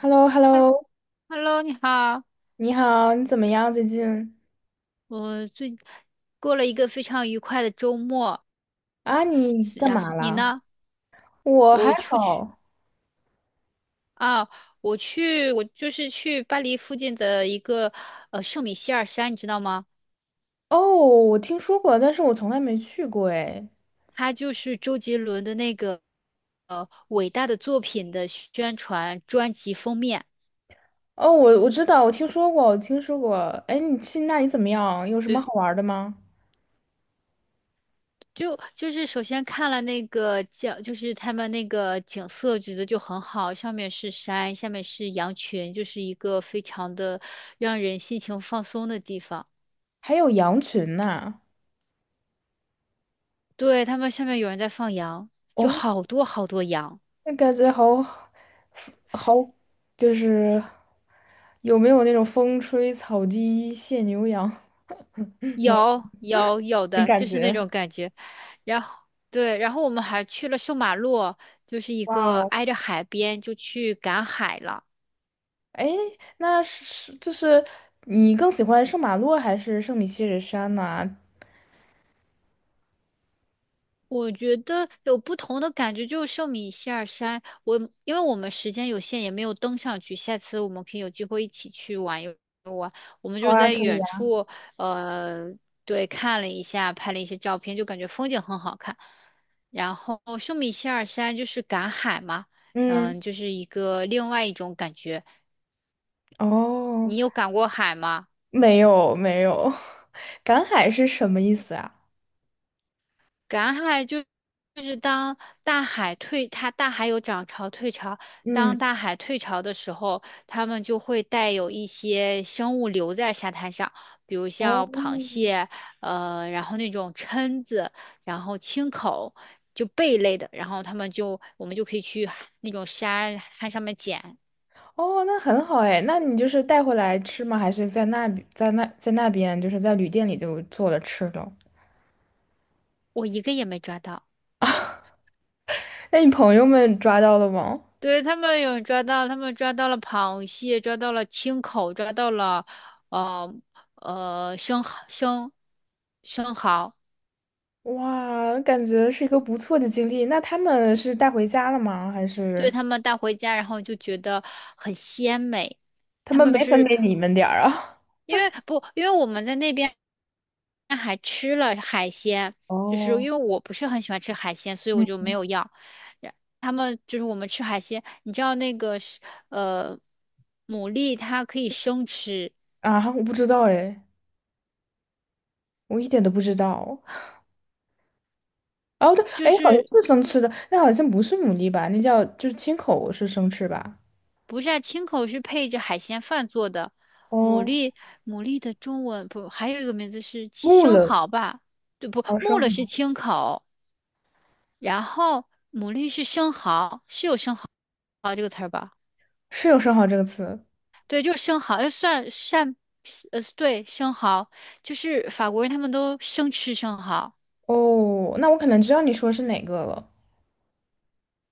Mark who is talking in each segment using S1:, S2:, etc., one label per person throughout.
S1: h e l l o h e l l o
S2: Hello，你好，
S1: 你好，你怎么样最近？
S2: 我最过了一个非常愉快的周末，
S1: 啊，你
S2: 是
S1: 干
S2: 然
S1: 嘛
S2: 后你
S1: 啦？
S2: 呢？
S1: 我还
S2: 我出去
S1: 好。
S2: 啊，我去，我就是去巴黎附近的一个圣米歇尔山，你知道吗？
S1: 哦，我听说过，但是我从来没去过哎。
S2: 它就是周杰伦的那个伟大的作品的宣传专辑封面，
S1: 哦，我知道，我听说过，我听说过。哎，你去那里怎么样？有什么
S2: 就
S1: 好玩儿的吗？
S2: 就是首先看了那个景，就是他们那个景色，觉得就很好，上面是山，下面是羊群，就是一个非常的让人心情放松的地方。
S1: 还有羊群呢？
S2: 对，他们下面有人在放羊，就
S1: 哦，
S2: 好多好多羊，
S1: 那感觉好好，就是有没有那种风吹草低见牛羊
S2: 有有有
S1: 的
S2: 的，
S1: 感
S2: 就
S1: 觉？
S2: 是那种感觉。然后对，然后我们还去了圣马洛，就是一
S1: 哇
S2: 个
S1: 哦！
S2: 挨着海边，就去赶海了。
S1: 哎，那是就是你更喜欢圣马洛还是圣米歇尔山呢？
S2: 我觉得有不同的感觉，就是寿米希尔山。因为我们时间有限，也没有登上去。下次我们可以有机会一起去玩。我们就
S1: 好
S2: 是
S1: 啊，
S2: 在
S1: 可以
S2: 远
S1: 啊。
S2: 处，呃，对，看了一下，拍了一些照片，就感觉风景很好看。然后寿米希尔山就是赶海嘛，嗯，
S1: 嗯，
S2: 就是一个另外一种感觉。
S1: 哦，
S2: 你有赶过海吗？
S1: 没有没有，赶海是什么意思啊？
S2: 赶海就是当大海退，它大海有涨潮退潮。当
S1: 嗯，
S2: 大海退潮的时候，它们就会带有一些生物留在沙滩上，比如
S1: 哦，
S2: 像螃蟹，然后那种蛏子，然后青口，就贝类的。然后他们就我们就可以去海那种沙滩上面捡，
S1: 哦，那很好哎，那你就是带回来吃吗？还是在那边就是在旅店里就做了吃的？
S2: 我一个也没抓到。
S1: 那你朋友们抓到了吗？
S2: 对，他们有抓到，他们抓到了螃蟹，抓到了青口，抓到了呃呃生蚝生生蚝，
S1: 哇，感觉是一个不错的经历。那他们是带回家了吗？还
S2: 对
S1: 是
S2: 他们带回家，然后就觉得很鲜美。
S1: 他
S2: 他
S1: 们
S2: 们
S1: 没分
S2: 是
S1: 给你们点儿啊？
S2: 因为不，因为我们在那边还吃了海鲜，就是
S1: 哦，
S2: 因为我不是很喜欢吃海鲜，所以
S1: 嗯，
S2: 我就没有要。然他们就是我们吃海鲜，你知道那个是呃牡蛎它可以生吃，
S1: 啊，我不知道哎，我一点都不知道。哦，对，
S2: 就
S1: 哎，好像
S2: 是。
S1: 是生吃的，那好像不是牡蛎吧？那叫就是青口是生吃吧？
S2: 不是啊，青口是配着海鲜饭做的，牡
S1: 哦，
S2: 蛎牡蛎的中文不还有一个名字是
S1: 木
S2: 生
S1: 了，
S2: 蚝吧？对不，
S1: 哦，
S2: 木
S1: 生
S2: 耳是
S1: 蚝
S2: 青口，然后牡蛎是生蚝，是有生蚝这个词儿吧？
S1: 是有生蚝这个词。
S2: 对，就是生蚝，要算扇对生蚝，就是法国人他们都生吃生蚝。
S1: 哦，那我可能知道你说是哪个了。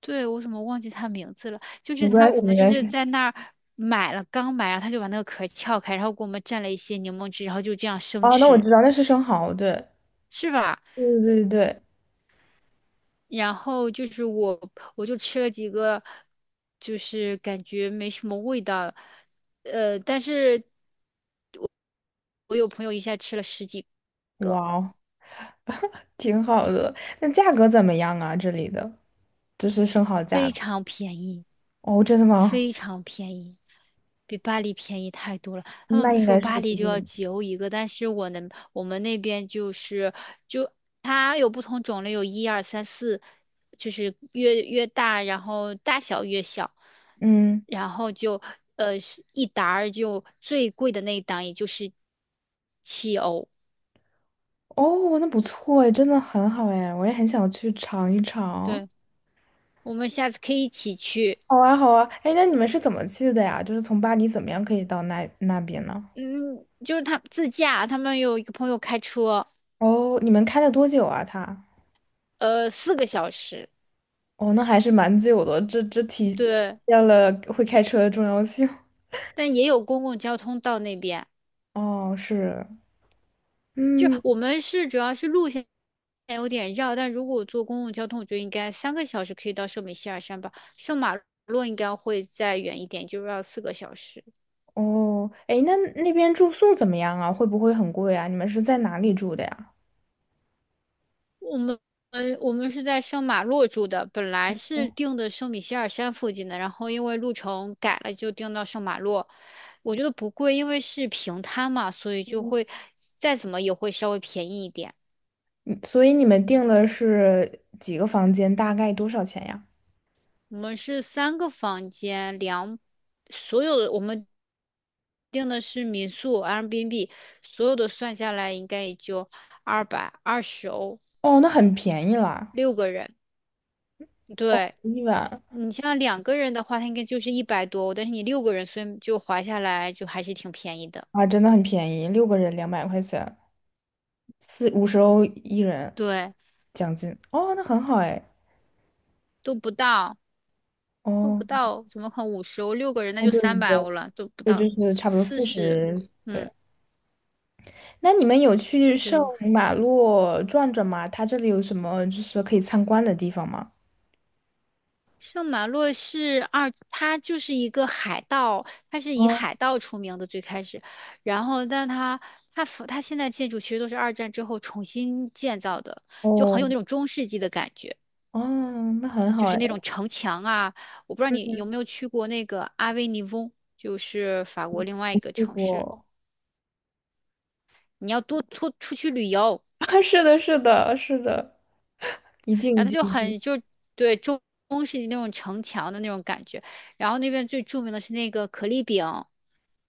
S2: 对，我怎么忘记他名字了？就
S1: 没
S2: 是他，
S1: 关
S2: 我
S1: 系，
S2: 们
S1: 没
S2: 就
S1: 关
S2: 是
S1: 系。
S2: 在那儿买了，刚买，然后他就把那个壳撬开，然后给我们蘸了一些柠檬汁，然后就这样生
S1: 哦，那我
S2: 吃，
S1: 知道，那是生蚝，对，
S2: 是吧？
S1: 对对对。
S2: 然后我就吃了几个，就是感觉没什么味道，但是我有朋友一下吃了十几个，
S1: 哇哦，挺好的。那价格怎么样啊？这里的就是生蚝价
S2: 非
S1: 格。
S2: 常便宜。
S1: 哦，真的吗？
S2: 非常便宜，比巴黎便宜太多了。他们
S1: 那应
S2: 说
S1: 该是
S2: 巴
S1: 不
S2: 黎就
S1: 贵。
S2: 要几欧一个，但是我能，我们那边就是就它有不同种类，有一二三四，就是越越大，然后大小越小，
S1: 嗯。
S2: 然后就是一沓儿就最贵的那一档也就是7欧。
S1: 哦，那不错哎，真的很好哎，我也很想去尝一尝。
S2: 对，我们下次可以一起去。
S1: 好啊，好啊，哎，那你们是怎么去的呀？就是从巴黎怎么样可以到那边呢？
S2: 嗯，就是他自驾，他们有一个朋友开车，
S1: 哦，你们开了多久啊？他？
S2: 四个小时。
S1: 哦，那还是蛮久的，这体体
S2: 对。
S1: 现了会开车的重要性。
S2: 但也有公共交通到那边。
S1: 哦，是，嗯，
S2: 我们主要是路线有点绕，但如果我坐公共交通，我觉得应该3个小时可以到圣米歇尔山吧。圣马洛应该会再远一点，就是要四个小时。
S1: 哦，哎，那那边住宿怎么样啊？会不会很贵啊？你们是在哪里住的呀？
S2: 我们我们是在圣马洛住的，本来是定的圣米歇尔山附近的，然后因为路程改了，就定到圣马洛。我觉得不贵，因为是平摊嘛，所以就会再怎么也会稍微便宜一点。
S1: 嗯所以你们订的是几个房间，大概多少钱呀？
S2: 我们是三个房间，所有的订的是民宿 Airbnb，所有的算下来应该也就220欧，
S1: 哦，那很便宜啦，
S2: 六个人。对，
S1: 一晚。
S2: 你像两个人的话，它应该就是100多欧但是你六个人，所以就划下来就还是挺便宜的。
S1: 啊，真的很便宜，6个人200块钱，四五十欧一人
S2: 对，
S1: 奖金。哦，那很好哎。
S2: 都不到，都
S1: 哦，
S2: 不到，怎么可能50欧？六个人那
S1: 哦，
S2: 就
S1: 对
S2: 三
S1: 对
S2: 百
S1: 对，
S2: 欧了，都不
S1: 对，
S2: 到
S1: 就是差不多
S2: 四十，
S1: 四
S2: 四十
S1: 十。
S2: 嗯，
S1: 对，那你们有去圣
S2: 就。
S1: 马洛转转吗？它这里有什么就是可以参观的地方吗？
S2: 圣马洛他就是一个海盗，他是以
S1: 嗯，
S2: 海盗出名的最开始，然后但他现在建筑其实都是二战之后重新建造的，就很
S1: 哦，
S2: 有那种中世纪的感觉，
S1: 哦，那很好
S2: 就是
S1: 哎，
S2: 那种城墙啊，我不知道你有没有去过那个阿维尼翁，就是法国另外一
S1: 没
S2: 个
S1: 去
S2: 城市，
S1: 过。
S2: 你要多出去旅游，
S1: 啊，是的，是的，是的，一定
S2: 然
S1: 一
S2: 后
S1: 定
S2: 他就
S1: 一定。
S2: 很就对中世纪那种城墙的那种感觉，然后那边最著名的是那个可丽饼。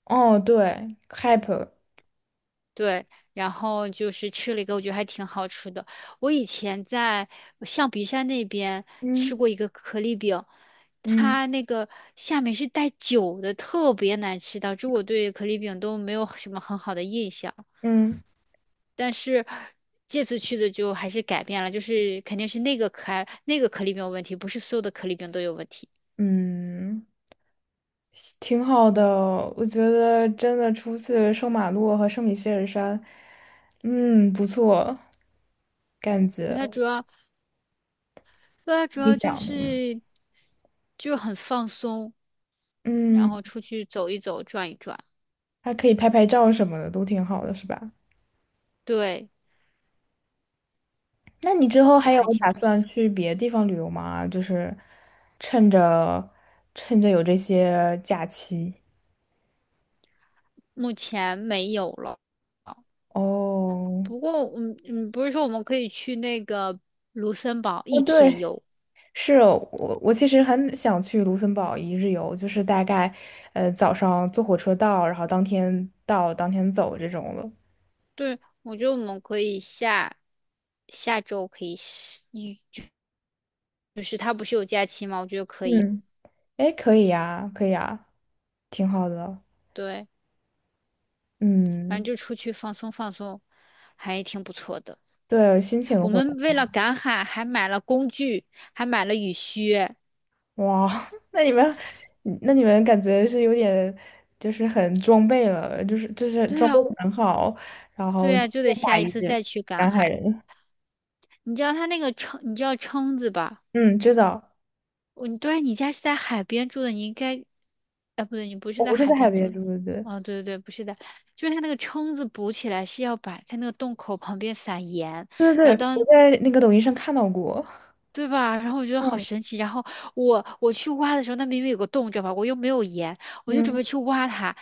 S1: 哦，对 c a p
S2: 对，然后就是吃了一个，我觉得还挺好吃的。我以前在象鼻山那边吃
S1: 嗯
S2: 过一个可丽饼，
S1: 嗯
S2: 它那个下面是带酒的，特别难吃，导致我对可丽饼都没有什么很好的印象。
S1: 嗯
S2: 但是这次去的就还是改变了，就是肯定是那个可爱那个可丽饼有问题，不是所有的可丽饼都有问题。
S1: 嗯。挺好的，我觉得真的出去圣马洛和圣米歇尔山，嗯，不错，感
S2: 对
S1: 觉
S2: 它主要，对它主
S1: 你
S2: 要就
S1: 讲的。
S2: 是就很放松，然
S1: 嗯，
S2: 后
S1: 嗯
S2: 出去走一走，转一转。
S1: 还可以拍拍照什么的，都挺好的，是吧？
S2: 对，
S1: 那你之后
S2: 就
S1: 还有
S2: 还挺
S1: 打
S2: 不错。
S1: 算去别的地方旅游吗？就是趁着趁着有这些假期。
S2: 目前没有了，
S1: 哦，
S2: 不过不是说我们可以去那个卢森堡
S1: 哦，
S2: 一
S1: 对，
S2: 天游，
S1: 是我，其实很想去卢森堡一日游，就是大概，早上坐火车到，然后当天到，当天走这种的。
S2: 对，我觉得我们可以下周可以是，就是他不是有假期吗？我觉得可以，
S1: 嗯，哎，可以呀，可以呀，挺好的。
S2: 对，反正
S1: 嗯，
S2: 就出去放松放松，还挺不错的。
S1: 对，心情
S2: 我
S1: 会。
S2: 们为了赶海还买了工具，还买了雨靴。
S1: 哇，那你们，那你们感觉是有点，就是很装备了，就是
S2: 对
S1: 装
S2: 呀，
S1: 备的很好，然
S2: 对
S1: 后剑
S2: 呀，就得
S1: 拔
S2: 下一
S1: 一
S2: 次
S1: 帜，
S2: 再去赶
S1: 南海
S2: 海。
S1: 人。
S2: 你知道撑子吧？
S1: 嗯，知道，
S2: 对，你家是在海边住的，你应该，哎，不对，你不是
S1: 我
S2: 在
S1: 不是
S2: 海
S1: 在海
S2: 边住
S1: 边
S2: 的。
S1: 住的，对
S2: 哦，对对对，不是的，就是它那个蛏子补起来是要把在那个洞口旁边撒盐，
S1: 对对，
S2: 然后
S1: 我
S2: 当
S1: 在那个抖音上看到过。
S2: 对吧？然后我觉得好
S1: 嗯
S2: 神奇。然后我去挖的时候，那明明有个洞，知道吧？我又没有盐，我就准备
S1: 嗯，
S2: 去挖它，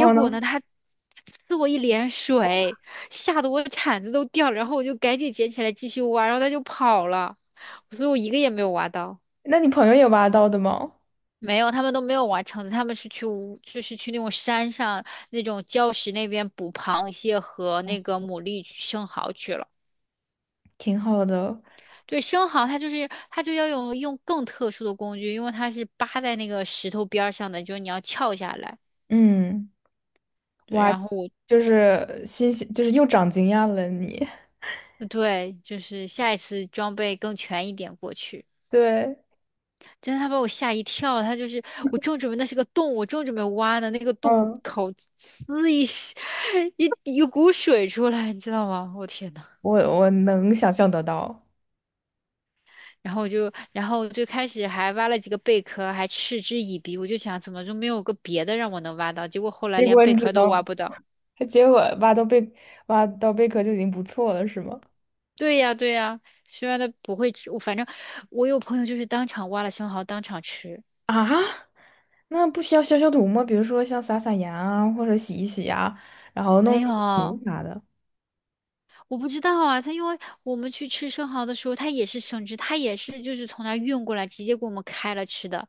S1: 然后
S2: 果
S1: 呢？
S2: 呢，它呲我一脸水，吓得我铲子都掉了。然后我就赶紧捡起来继续挖，然后它就跑了，所以我一个也没有挖到。
S1: 那你朋友有挖到的吗？
S2: 没有，他们都没有玩橙子，他们是去乌就是去那种山上那种礁石那边捕螃蟹和那个牡蛎、生蚝去了。
S1: 挺好的，
S2: 对，生蚝它就是它就要用更特殊的工具，因为它是扒在那个石头边儿上的，就是你要撬下来。
S1: 嗯，
S2: 对，
S1: 挖
S2: 然后
S1: 就是新鲜，就是又长经验了你。
S2: 对，就是下一次装备更全一点过去。
S1: 对，
S2: 真的，他把我吓一跳，他就是我正准备挖的那个洞
S1: 嗯，
S2: 口呲一 一股水出来，你知道吗？我天呐！
S1: 我能想象得到。
S2: 然后然后最开始还挖了几个贝壳，还嗤之以鼻。我就想，怎么就没有个别的让我能挖到？结果后来
S1: 结
S2: 连
S1: 果
S2: 贝
S1: 你只
S2: 壳都挖
S1: 能，
S2: 不到。
S1: 结果挖到贝壳就已经不错了，是吗？
S2: 对呀，对呀，虽然它不会吃，我反正我有朋友就是当场挖了生蚝，当场吃，
S1: 啊，那不需要消消毒吗？比如说像撒撒盐啊，或者洗一洗啊，然后弄
S2: 没
S1: 一些盐
S2: 有。
S1: 啥的。
S2: 我不知道啊，他因为我们去吃生蚝的时候，他也是生吃，他也是就是从那儿运过来，直接给我们开了吃的。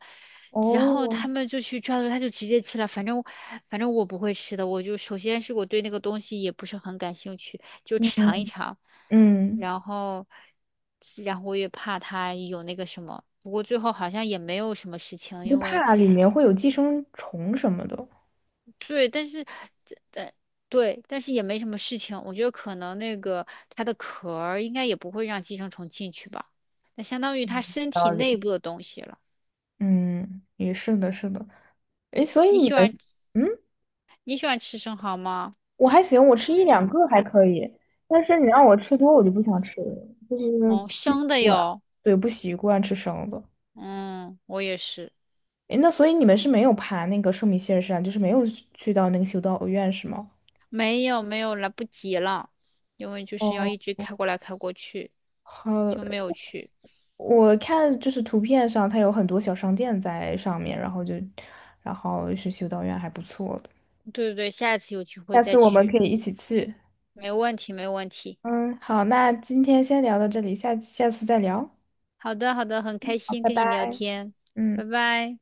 S2: 然后
S1: 哦，
S2: 他们就去抓的时候，他就直接吃了。反正我不会吃的，我就首先是我对那个东西也不是很感兴趣，就
S1: 嗯
S2: 尝一尝。
S1: 嗯，
S2: 然后然后我也怕他有那个什么，不过最后好像也没有什么事情，
S1: 就
S2: 因为。
S1: 怕里面会有寄生虫什么的。
S2: 对，但是这对对，但是也没什么事情。我觉得可能那个它的壳儿应该也不会让寄生虫进去吧，那相当于它身体
S1: 道
S2: 内
S1: 理。
S2: 部的东西了。
S1: 嗯，也是的，是的。诶，所以
S2: 你
S1: 你们，
S2: 喜欢
S1: 嗯，
S2: 你喜欢吃生蚝吗？
S1: 我还行，我吃一两个还可以，但是你让我吃多，我就不想吃了，就是
S2: 哦，
S1: 不习
S2: 生的
S1: 惯，
S2: 哟。
S1: 对，不习惯吃生的。
S2: 嗯，我也是。
S1: 诶，那所以你们是没有爬那个圣米歇尔山，就是没有去到那个修道院是吗？
S2: 没有没有，来不及了，因为就是
S1: 哦，
S2: 要一直开过来开过去，
S1: 好，
S2: 就没有去。
S1: 我看就是图片上它有很多小商店在上面，然后就，然后是修道院还不错的，
S2: 对对对，下一次有机会
S1: 下次
S2: 再
S1: 我们
S2: 去，
S1: 可以一起去。
S2: 没问题没问题。
S1: 嗯，好，那今天先聊到这里，下下次再聊，
S2: 好的好的，很开
S1: 好，
S2: 心
S1: 拜
S2: 跟
S1: 拜。
S2: 你聊天，
S1: 嗯。
S2: 拜拜。